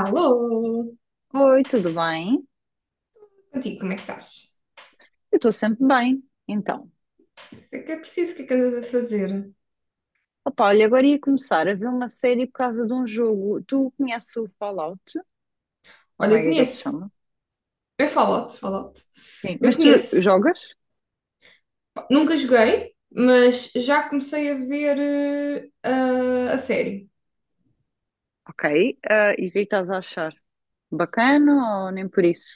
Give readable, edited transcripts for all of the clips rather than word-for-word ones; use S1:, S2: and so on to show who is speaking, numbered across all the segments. S1: Alô!
S2: Oi, tudo bem?
S1: Contigo, como é que estás?
S2: Eu estou sempre bem. Então,
S1: Isso é que é preciso, o que é que andas a fazer?
S2: opa, olha, agora ia começar a ver uma série por causa de um jogo. Tu conheces o Fallout? Ou
S1: Olha,
S2: como
S1: eu
S2: é que ele se
S1: conheço.
S2: chama?
S1: É Fallout, Fallout.
S2: Sim,
S1: Eu
S2: mas tu
S1: conheço.
S2: jogas?
S1: Pá, nunca joguei, mas já comecei a ver a série.
S2: Ok. Ah, e o que é que estás a achar? Bacana ou nem por isso?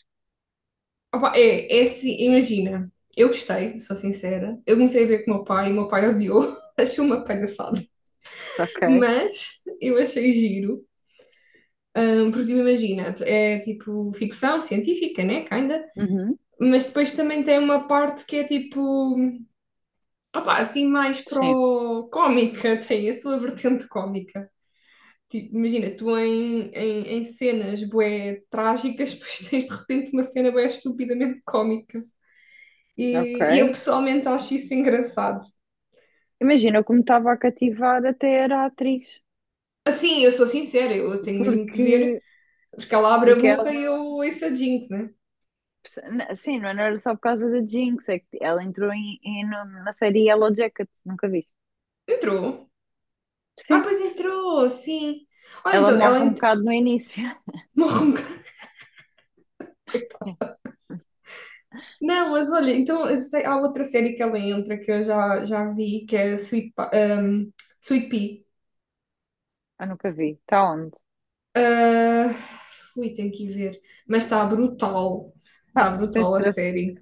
S1: Opa, é assim, imagina. Eu gostei, sou sincera. Eu comecei a ver com o meu pai, e o meu pai odiou. Achou uma palhaçada.
S2: Ok.
S1: Mas eu achei giro. Porque tipo, imagina, é tipo ficção científica, né? Kinda.
S2: Uhum.
S1: Mas depois também tem uma parte que é tipo. Opa, assim mais
S2: Sim,
S1: pro cómica, tem a sua vertente cómica. Tipo, imagina, tu em cenas bué trágicas, depois tens de repente uma cena bué estupidamente cómica.
S2: ok.
S1: E eu pessoalmente acho isso engraçado.
S2: Imagina como estava a cativar até era a atriz,
S1: Assim, eu sou sincera, eu tenho mesmo que ver,
S2: porque,
S1: porque ela abre a
S2: porque ela,
S1: boca e eu ouço a Jinx, né?
S2: sim, não era só por causa da Jinx, é que ela entrou na série Yellow Jacket, nunca viste?
S1: Entrou. Ah,
S2: Sim.
S1: pois entrou, sim. Olha,
S2: Ela
S1: então,
S2: morre um bocado no início.
S1: morre um. Não, mas olha, há outra série que ela entra que eu já vi, que é Sweet Pea.
S2: Eu nunca vi. Está onde?
S1: Ah, ui, tenho que ir ver. Mas está brutal. Está
S2: Pá, sem
S1: brutal a
S2: stress.
S1: série.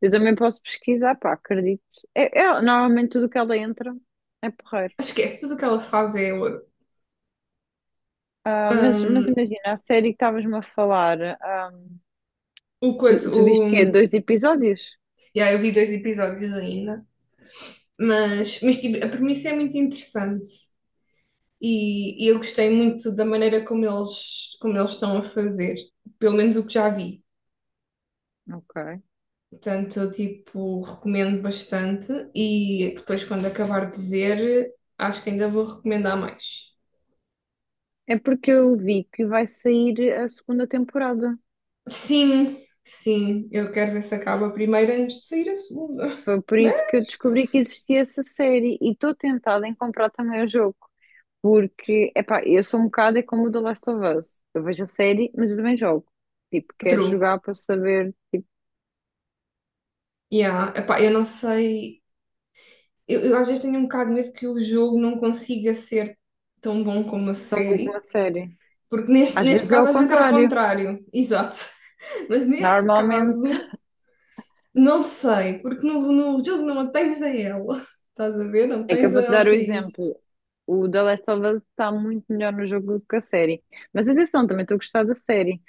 S2: Eu também posso pesquisar, pá, acredito. Normalmente tudo que ela entra é porreiro.
S1: Esquece tudo o que ela faz, é
S2: Ah, mas imagina, a série que estavas-me a falar, ah,
S1: o
S2: tu,
S1: coisa.
S2: tu
S1: O,
S2: viste que é dois episódios?
S1: yeah, eu vi dois episódios ainda. Mas tipo, a premissa é muito interessante. E eu gostei muito da maneira como eles estão a fazer. Pelo menos o que já vi.
S2: Ok.
S1: Portanto, eu tipo, recomendo bastante e depois, quando acabar de ver, acho que ainda vou recomendar mais.
S2: É porque eu vi que vai sair a segunda temporada.
S1: Sim, sim, eu quero ver se acaba a primeira antes de sair a segunda.
S2: Foi por
S1: Mas,
S2: isso que eu descobri que existia essa série e estou tentada em comprar também o jogo. Porque, epá, eu sou um bocado é como o The Last of Us. Eu vejo a série, mas eu também jogo. Tipo, quero
S1: true.
S2: jogar para saber
S1: Yeah, epá, eu não sei. Eu às vezes tenho um bocado de medo que o jogo não consiga ser tão bom como a
S2: tão bom como
S1: série,
S2: a série.
S1: porque neste,
S2: Às
S1: neste
S2: vezes é
S1: caso
S2: o
S1: às vezes é o
S2: contrário.
S1: contrário, exato. Mas neste
S2: Normalmente,
S1: caso. Não sei, porque no jogo não tens a ela. Estás a ver? Não
S2: é que eu
S1: tens
S2: vou-te
S1: a
S2: dar o
S1: atriz.
S2: exemplo. O The Last of Us está muito melhor no jogo do que a série. Mas atenção, também estou a gostar da série.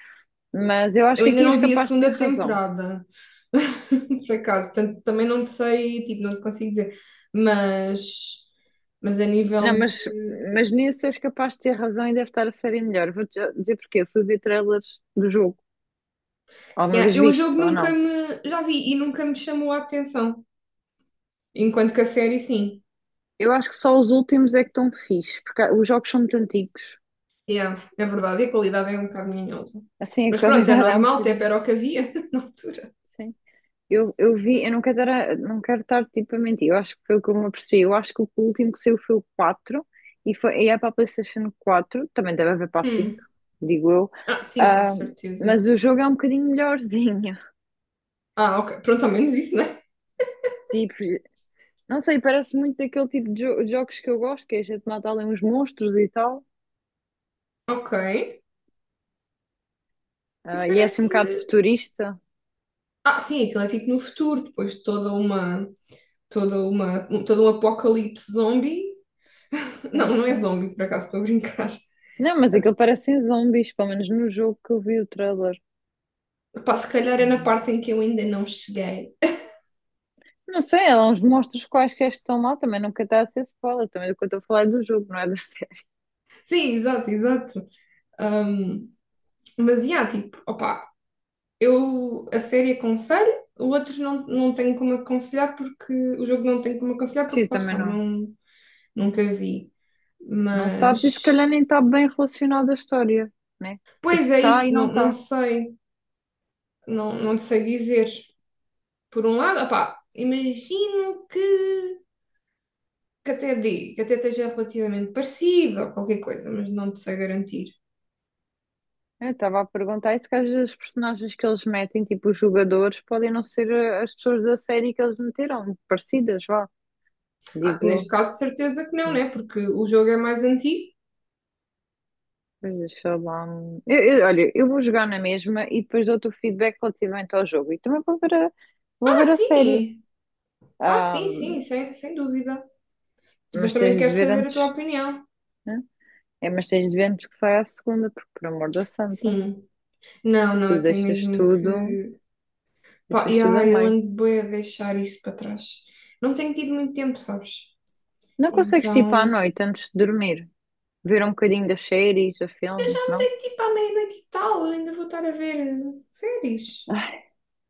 S2: Mas eu acho
S1: Eu
S2: que
S1: ainda
S2: aqui és
S1: não vi a
S2: capaz de ter
S1: segunda
S2: razão.
S1: temporada, por acaso. Portanto, também não te sei, tipo, não te consigo dizer. Mas, mas a nível
S2: Não,
S1: de.
S2: mas nisso és capaz de ter razão e deve estar a série melhor. Vou-te já dizer porquê. Eu fui ver trailers do jogo. Alguma
S1: Yeah,
S2: vez
S1: eu o
S2: visto
S1: jogo
S2: ou
S1: nunca
S2: não?
S1: me. Já vi e nunca me chamou a atenção. Enquanto que a série, sim.
S2: Eu acho que só os últimos é que estão fixe, porque os jogos são muito antigos.
S1: Yeah, é verdade, e a qualidade é um bocado minhosa.
S2: Assim, a
S1: Mas pronto, é
S2: qualidade há um
S1: normal, até
S2: bocadinho.
S1: era o que havia na altura.
S2: Sim. Eu vi, eu não quero estar, não quero estar tipo a mentir, eu acho que foi o que eu me apercebi. Eu acho que o último que saiu foi o 4 e, foi, e é para a PlayStation quatro. Também deve haver para a 5,
S1: Hum.
S2: digo eu.
S1: Ah, sim, com
S2: Ah,
S1: certeza.
S2: mas o jogo é um bocadinho melhorzinho.
S1: Ah, ok. Pronto, ao menos isso, né?
S2: Tipo, não sei, parece muito daquele tipo de jogos que eu gosto, que é a gente mata ali uns monstros e tal.
S1: Ok. Isso
S2: Ah, e é assim um bocado
S1: parece.
S2: futurista.
S1: Ah, sim, aquilo é tipo no futuro, depois de toda uma. Toda uma, todo um apocalipse zombie.
S2: Sim,
S1: Não, não é
S2: sim.
S1: zombie, por acaso estou a brincar.
S2: Não, mas aquilo parecem zombies, pelo menos no jogo que eu vi o trailer.
S1: Pá, se calhar é
S2: Mas
S1: na parte em que eu ainda não cheguei.
S2: não sei, há uns monstros quaisquer que estão lá, também nunca está a ser spoiler, também do que eu estou a falar é do jogo, não é da série.
S1: Sim, exato, exato. Ahm, mas, yeah, tipo, opá, eu a série aconselho, outros não, não tenho como aconselhar porque o jogo não tem como aconselhar porque
S2: Sim,
S1: lá
S2: também
S1: está,
S2: não,
S1: não, nunca vi.
S2: não sabes e se calhar
S1: Mas,
S2: nem está bem relacionado à história, né? Tipo,
S1: pois é
S2: está e
S1: isso,
S2: não
S1: não, não
S2: está.
S1: sei, não, não sei dizer. Por um lado, opá, imagino que até dê, que até esteja relativamente parecido ou qualquer coisa, mas não te sei garantir.
S2: Eu estava a perguntar isso que às vezes os personagens que eles metem, tipo os jogadores, podem não ser as pessoas da série que eles meteram, parecidas, vá,
S1: Ah, neste
S2: digo
S1: caso, certeza que não,
S2: eu.
S1: né? Porque o jogo é mais antigo.
S2: Pois, sei lá. Eu olha, eu vou jogar na mesma e depois dou-te o feedback relativamente ao jogo. E também vou
S1: Ah,
S2: ver a série.
S1: sim! Ah,
S2: Ah,
S1: sim, sim, sem, sem dúvida. Mas
S2: mas
S1: também
S2: tens
S1: quero
S2: de ver
S1: saber a tua
S2: antes,
S1: opinião.
S2: né? É, mas tens de ver antes que saia a segunda, porque por amor da santa,
S1: Sim. Não, não,
S2: tu
S1: eu tenho mesmo que. Pá,
S2: deixas
S1: e
S2: tudo a
S1: ai, eu
S2: meio.
S1: ando bem a deixar isso para trás. Não tenho tido muito tempo, sabes?
S2: Não consegues tipo à
S1: Então.
S2: noite antes de dormir, ver um bocadinho das séries, a
S1: Eu
S2: filme,
S1: já me
S2: não?
S1: dei tipo à meia-noite e tal, ainda vou estar a ver séries.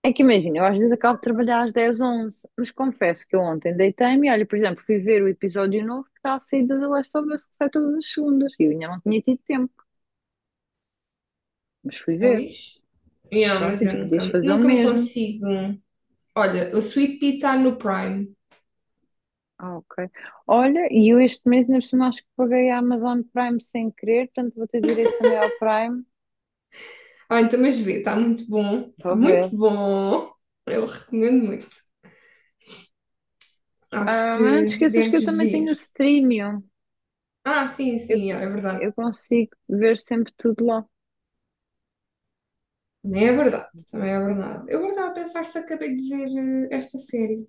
S2: É que imagina, eu às vezes acabo de trabalhar às 10, 11, mas confesso que eu ontem deitei-me e olha, por exemplo, fui ver o episódio novo que está a sair da The Last of Us, que sai todas as segundas, e eu ainda não tinha tido tempo, mas fui ver.
S1: Pois. Yeah,
S2: Pronto,
S1: mas
S2: e
S1: eu
S2: tu podias
S1: nunca,
S2: fazer o
S1: nunca me
S2: mesmo.
S1: consigo. Olha, o Sweet Pea está no Prime.
S2: Ah, ok. Olha, e eu este mês ainda por cima acho que paguei a Amazon Prime sem querer, portanto vou ter direito também ao Prime.
S1: Ah, então, mas vê, está muito bom. Está
S2: Vou ver.
S1: muito bom. Eu recomendo muito. Acho
S2: Ah, mas não
S1: que
S2: te esqueças que
S1: deves
S2: eu também tenho
S1: ver.
S2: o Streamium.
S1: Ah, sim,
S2: Eu,
S1: sim, é verdade.
S2: eu consigo ver sempre tudo lá.
S1: Também é verdade. Também é verdade. Eu agora estava a pensar se acabei de ver esta série.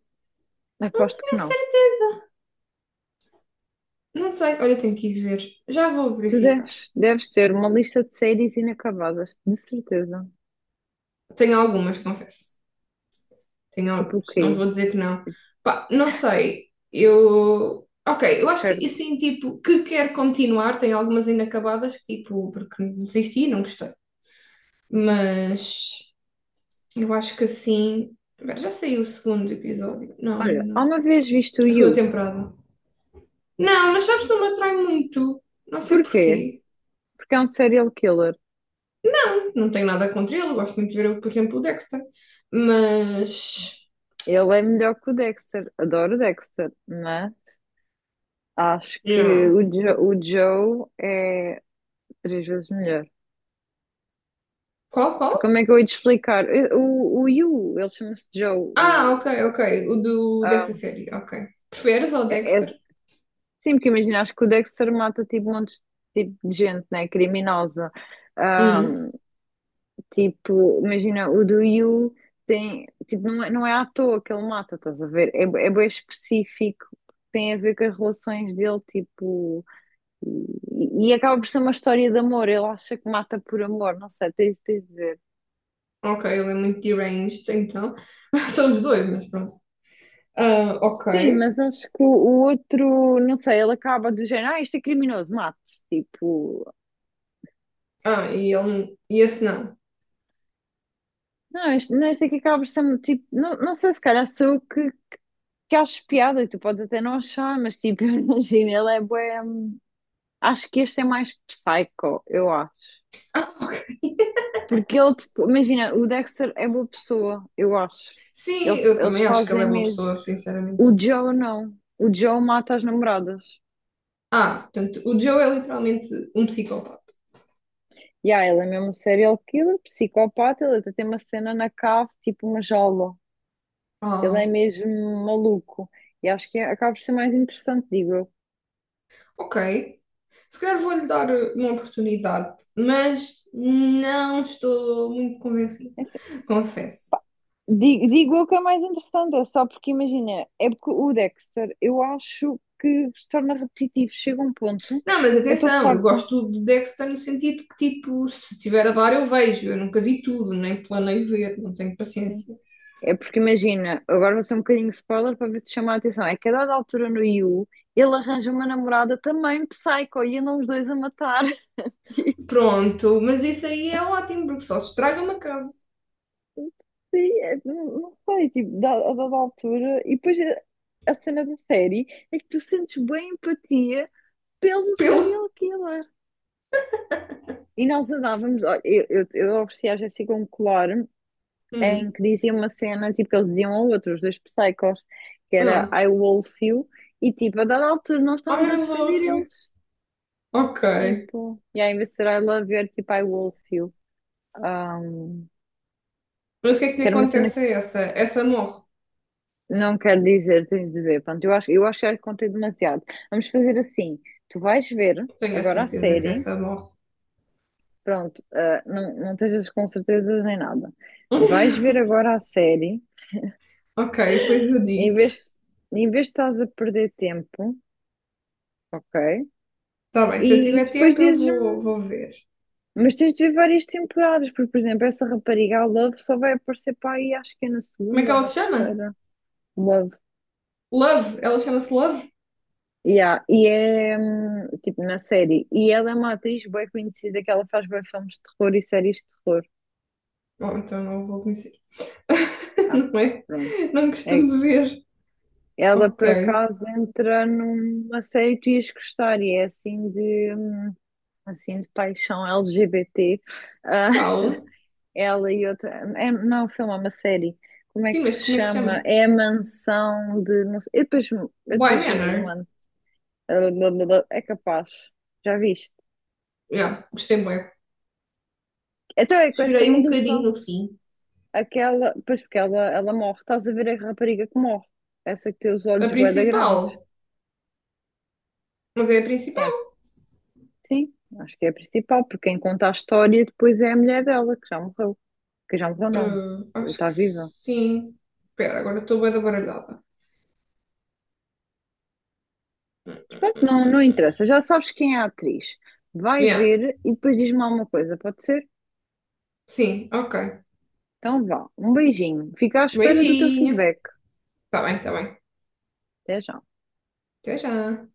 S1: Não
S2: Aposto
S1: tenho
S2: que
S1: a
S2: não.
S1: certeza. Não sei. Olha, tenho que ir ver. Já vou
S2: Tu
S1: verificar.
S2: deves ter uma lista de séries inacabadas, de certeza.
S1: Tenho algumas, confesso.
S2: Tipo
S1: Tenho,
S2: o
S1: não
S2: quê?
S1: vou dizer que não. Pá, não sei, eu. Ok, eu acho que
S2: Perto.
S1: assim, tipo, que quer continuar, tem algumas inacabadas, que, tipo, porque desisti e não gostei. Mas eu acho que assim. Espera, já saiu o segundo episódio? Não, ainda
S2: Olha,
S1: não.
S2: há uma vez visto o
S1: A segunda
S2: You.
S1: temporada. Não, mas sabes que não me atrai muito. Não sei
S2: Porquê?
S1: porquê.
S2: Porque é um serial killer.
S1: Não tenho nada contra ele, eu gosto muito de ver, por exemplo, o Dexter. Mas.
S2: Ele é melhor que o Dexter. Adoro o Dexter, mas acho que
S1: Yeah.
S2: o, o Joe é três vezes melhor.
S1: Qual,
S2: Porque
S1: qual?
S2: como é que eu ia te explicar? O You, ele chama-se Joe.
S1: Ah,
S2: O,
S1: ok, ok. O do, dessa
S2: ah,
S1: série, ok. Preferes ao
S2: é,
S1: Dexter?
S2: é- sim, porque imagina, acho que o Dexter mata tipo montes de, tipo, de gente, né? Criminosa. Ah,
S1: Hum,
S2: tipo, imagina, o do You tem, tipo, não é à toa que ele mata, estás a ver? É, é bem específico, tem a ver com as relações dele, tipo, e acaba por ser uma história de amor. Ele acha que mata por amor, não sei, tens de ver.
S1: ok, ele é muito deranged, então. São os dois, mas pronto. Ah,
S2: Sim,
S1: ok.
S2: mas acho que o outro, não sei, ele acaba do género, ah, este é criminoso, mate tipo,
S1: Ah, e ele. E esse não.
S2: não, este, não, este aqui acaba por ser, um tipo, não, não sei, se calhar sou eu que acho piada, e tu podes até não achar, mas tipo, imagina, ele é bué. Acho que este é mais psycho, eu acho.
S1: Ah, ok.
S2: Porque ele, tipo, imagina, o Dexter é boa pessoa, eu acho.
S1: Sim, eu
S2: Eles
S1: também acho que ele
S2: fazem
S1: é boa
S2: mesmo.
S1: pessoa, sinceramente.
S2: O Joe não. O Joe mata as namoradas.
S1: Ah, portanto, o Joe é literalmente um psicopata.
S2: E ah, ele é mesmo um serial killer, psicopata, ele até tem uma cena na cave, tipo uma jaula. Ele é
S1: Ah,
S2: mesmo maluco. E acho que acaba por ser mais interessante, digo eu.
S1: ok. Se calhar vou-lhe dar uma oportunidade, mas não estou muito convencida,
S2: É assim,
S1: confesso.
S2: digo eu que é mais interessante, é só porque, imagina, é porque o Dexter, eu acho que se torna repetitivo. Chega um ponto,
S1: Não, mas
S2: eu estou
S1: atenção, eu
S2: farta.
S1: gosto do Dexter no sentido que, tipo, se tiver a dar, eu vejo. Eu nunca vi tudo, nem planei ver, não tenho
S2: Sim.
S1: paciência.
S2: É porque imagina, agora vai ser um bocadinho spoiler para ver se chama a atenção. É que a dada altura no Yu, ele arranja uma namorada também psycho e andam os dois a matar.
S1: Pronto, mas isso aí é ótimo, porque só se estraga uma casa.
S2: Sim, é, não não sei, tipo, a dada altura. E depois a cena da série é que tu sentes bem empatia pelo
S1: Pelo.
S2: serial killer. E nós andávamos, olha, eu ofereci à Jéssica um colar em
S1: Hum.
S2: que dizia uma cena, tipo, que eles diziam ao outro, dois psychos, que era
S1: Ah.
S2: I wolf you, e tipo, a dada altura nós estávamos
S1: Ah,
S2: a
S1: I
S2: defender
S1: love you.
S2: eles,
S1: Ok.
S2: tipo, e aí em vez de ser I love you, era tipo I wolf you, um,
S1: Mas o que é que
S2: que
S1: lhe
S2: era uma cena que
S1: acontece a essa? Essa morre.
S2: não quero dizer, tens de ver, pronto, eu acho que já contei demasiado. Vamos fazer assim, tu vais ver
S1: Tenho a
S2: agora a
S1: certeza que
S2: série,
S1: essa morre.
S2: pronto, ah, não, não estejas com certezas nem nada, vais ver agora a série,
S1: Ok, depois eu
S2: em
S1: digo.
S2: vez, em vez de estás a perder tempo, ok?
S1: Tá bem, se eu
S2: E
S1: tiver
S2: depois
S1: tempo, eu vou,
S2: dizes-me,
S1: vou ver.
S2: mas tens de ver várias temporadas, porque, por exemplo, essa rapariga, a Love, só vai aparecer para aí, acho que é na
S1: Como é que
S2: segunda ou
S1: ela
S2: na
S1: se chama?
S2: terceira. Love.
S1: Love. Ela chama-se Love?
S2: Yeah. E é tipo na série. E ela é uma atriz bem conhecida que ela faz bem filmes de terror e séries de terror.
S1: Bom, então não vou conhecer.
S2: Ah,
S1: Não é?
S2: pronto.
S1: Não
S2: É-
S1: costumo dizer.
S2: ela por
S1: Ok.
S2: acaso entra numa série que tu ias gostar e é assim de paixão LGBT.
S1: Qual?
S2: Ela e outra. É, não é um filme, é uma série. Como é
S1: Sim,
S2: que
S1: mas
S2: se
S1: como é que se chama?
S2: chama? É a mansão de. Não sei, eu
S1: Bly
S2: depois,
S1: Manor.
S2: mano. É capaz. Já viste?
S1: Yeah, gostei bué.
S2: Então é com essa
S1: Chorei um bocadinho
S2: maluca.
S1: no fim.
S2: Aquela. Pois porque ela morre. Estás a ver a rapariga que morre. Essa que tem os
S1: A
S2: olhos bué da grandes.
S1: principal. Mas é a
S2: É.
S1: principal.
S2: Sim, acho que é a principal, porque quem conta a história depois é a mulher dela, que já morreu. Que já morreu, não.
S1: Ah, acho que
S2: Está viva.
S1: sim. Espera, agora estou bué da baralhada.
S2: Pronto, não, não interessa, já sabes quem é a atriz. Vai
S1: Yeah.
S2: ver e depois diz-me alguma coisa, pode ser?
S1: Sim, ok.
S2: Então vá, um beijinho. Fica à espera do teu
S1: Beijinho.
S2: feedback.
S1: Tá bem, tá bem.
S2: Até já.
S1: Até já.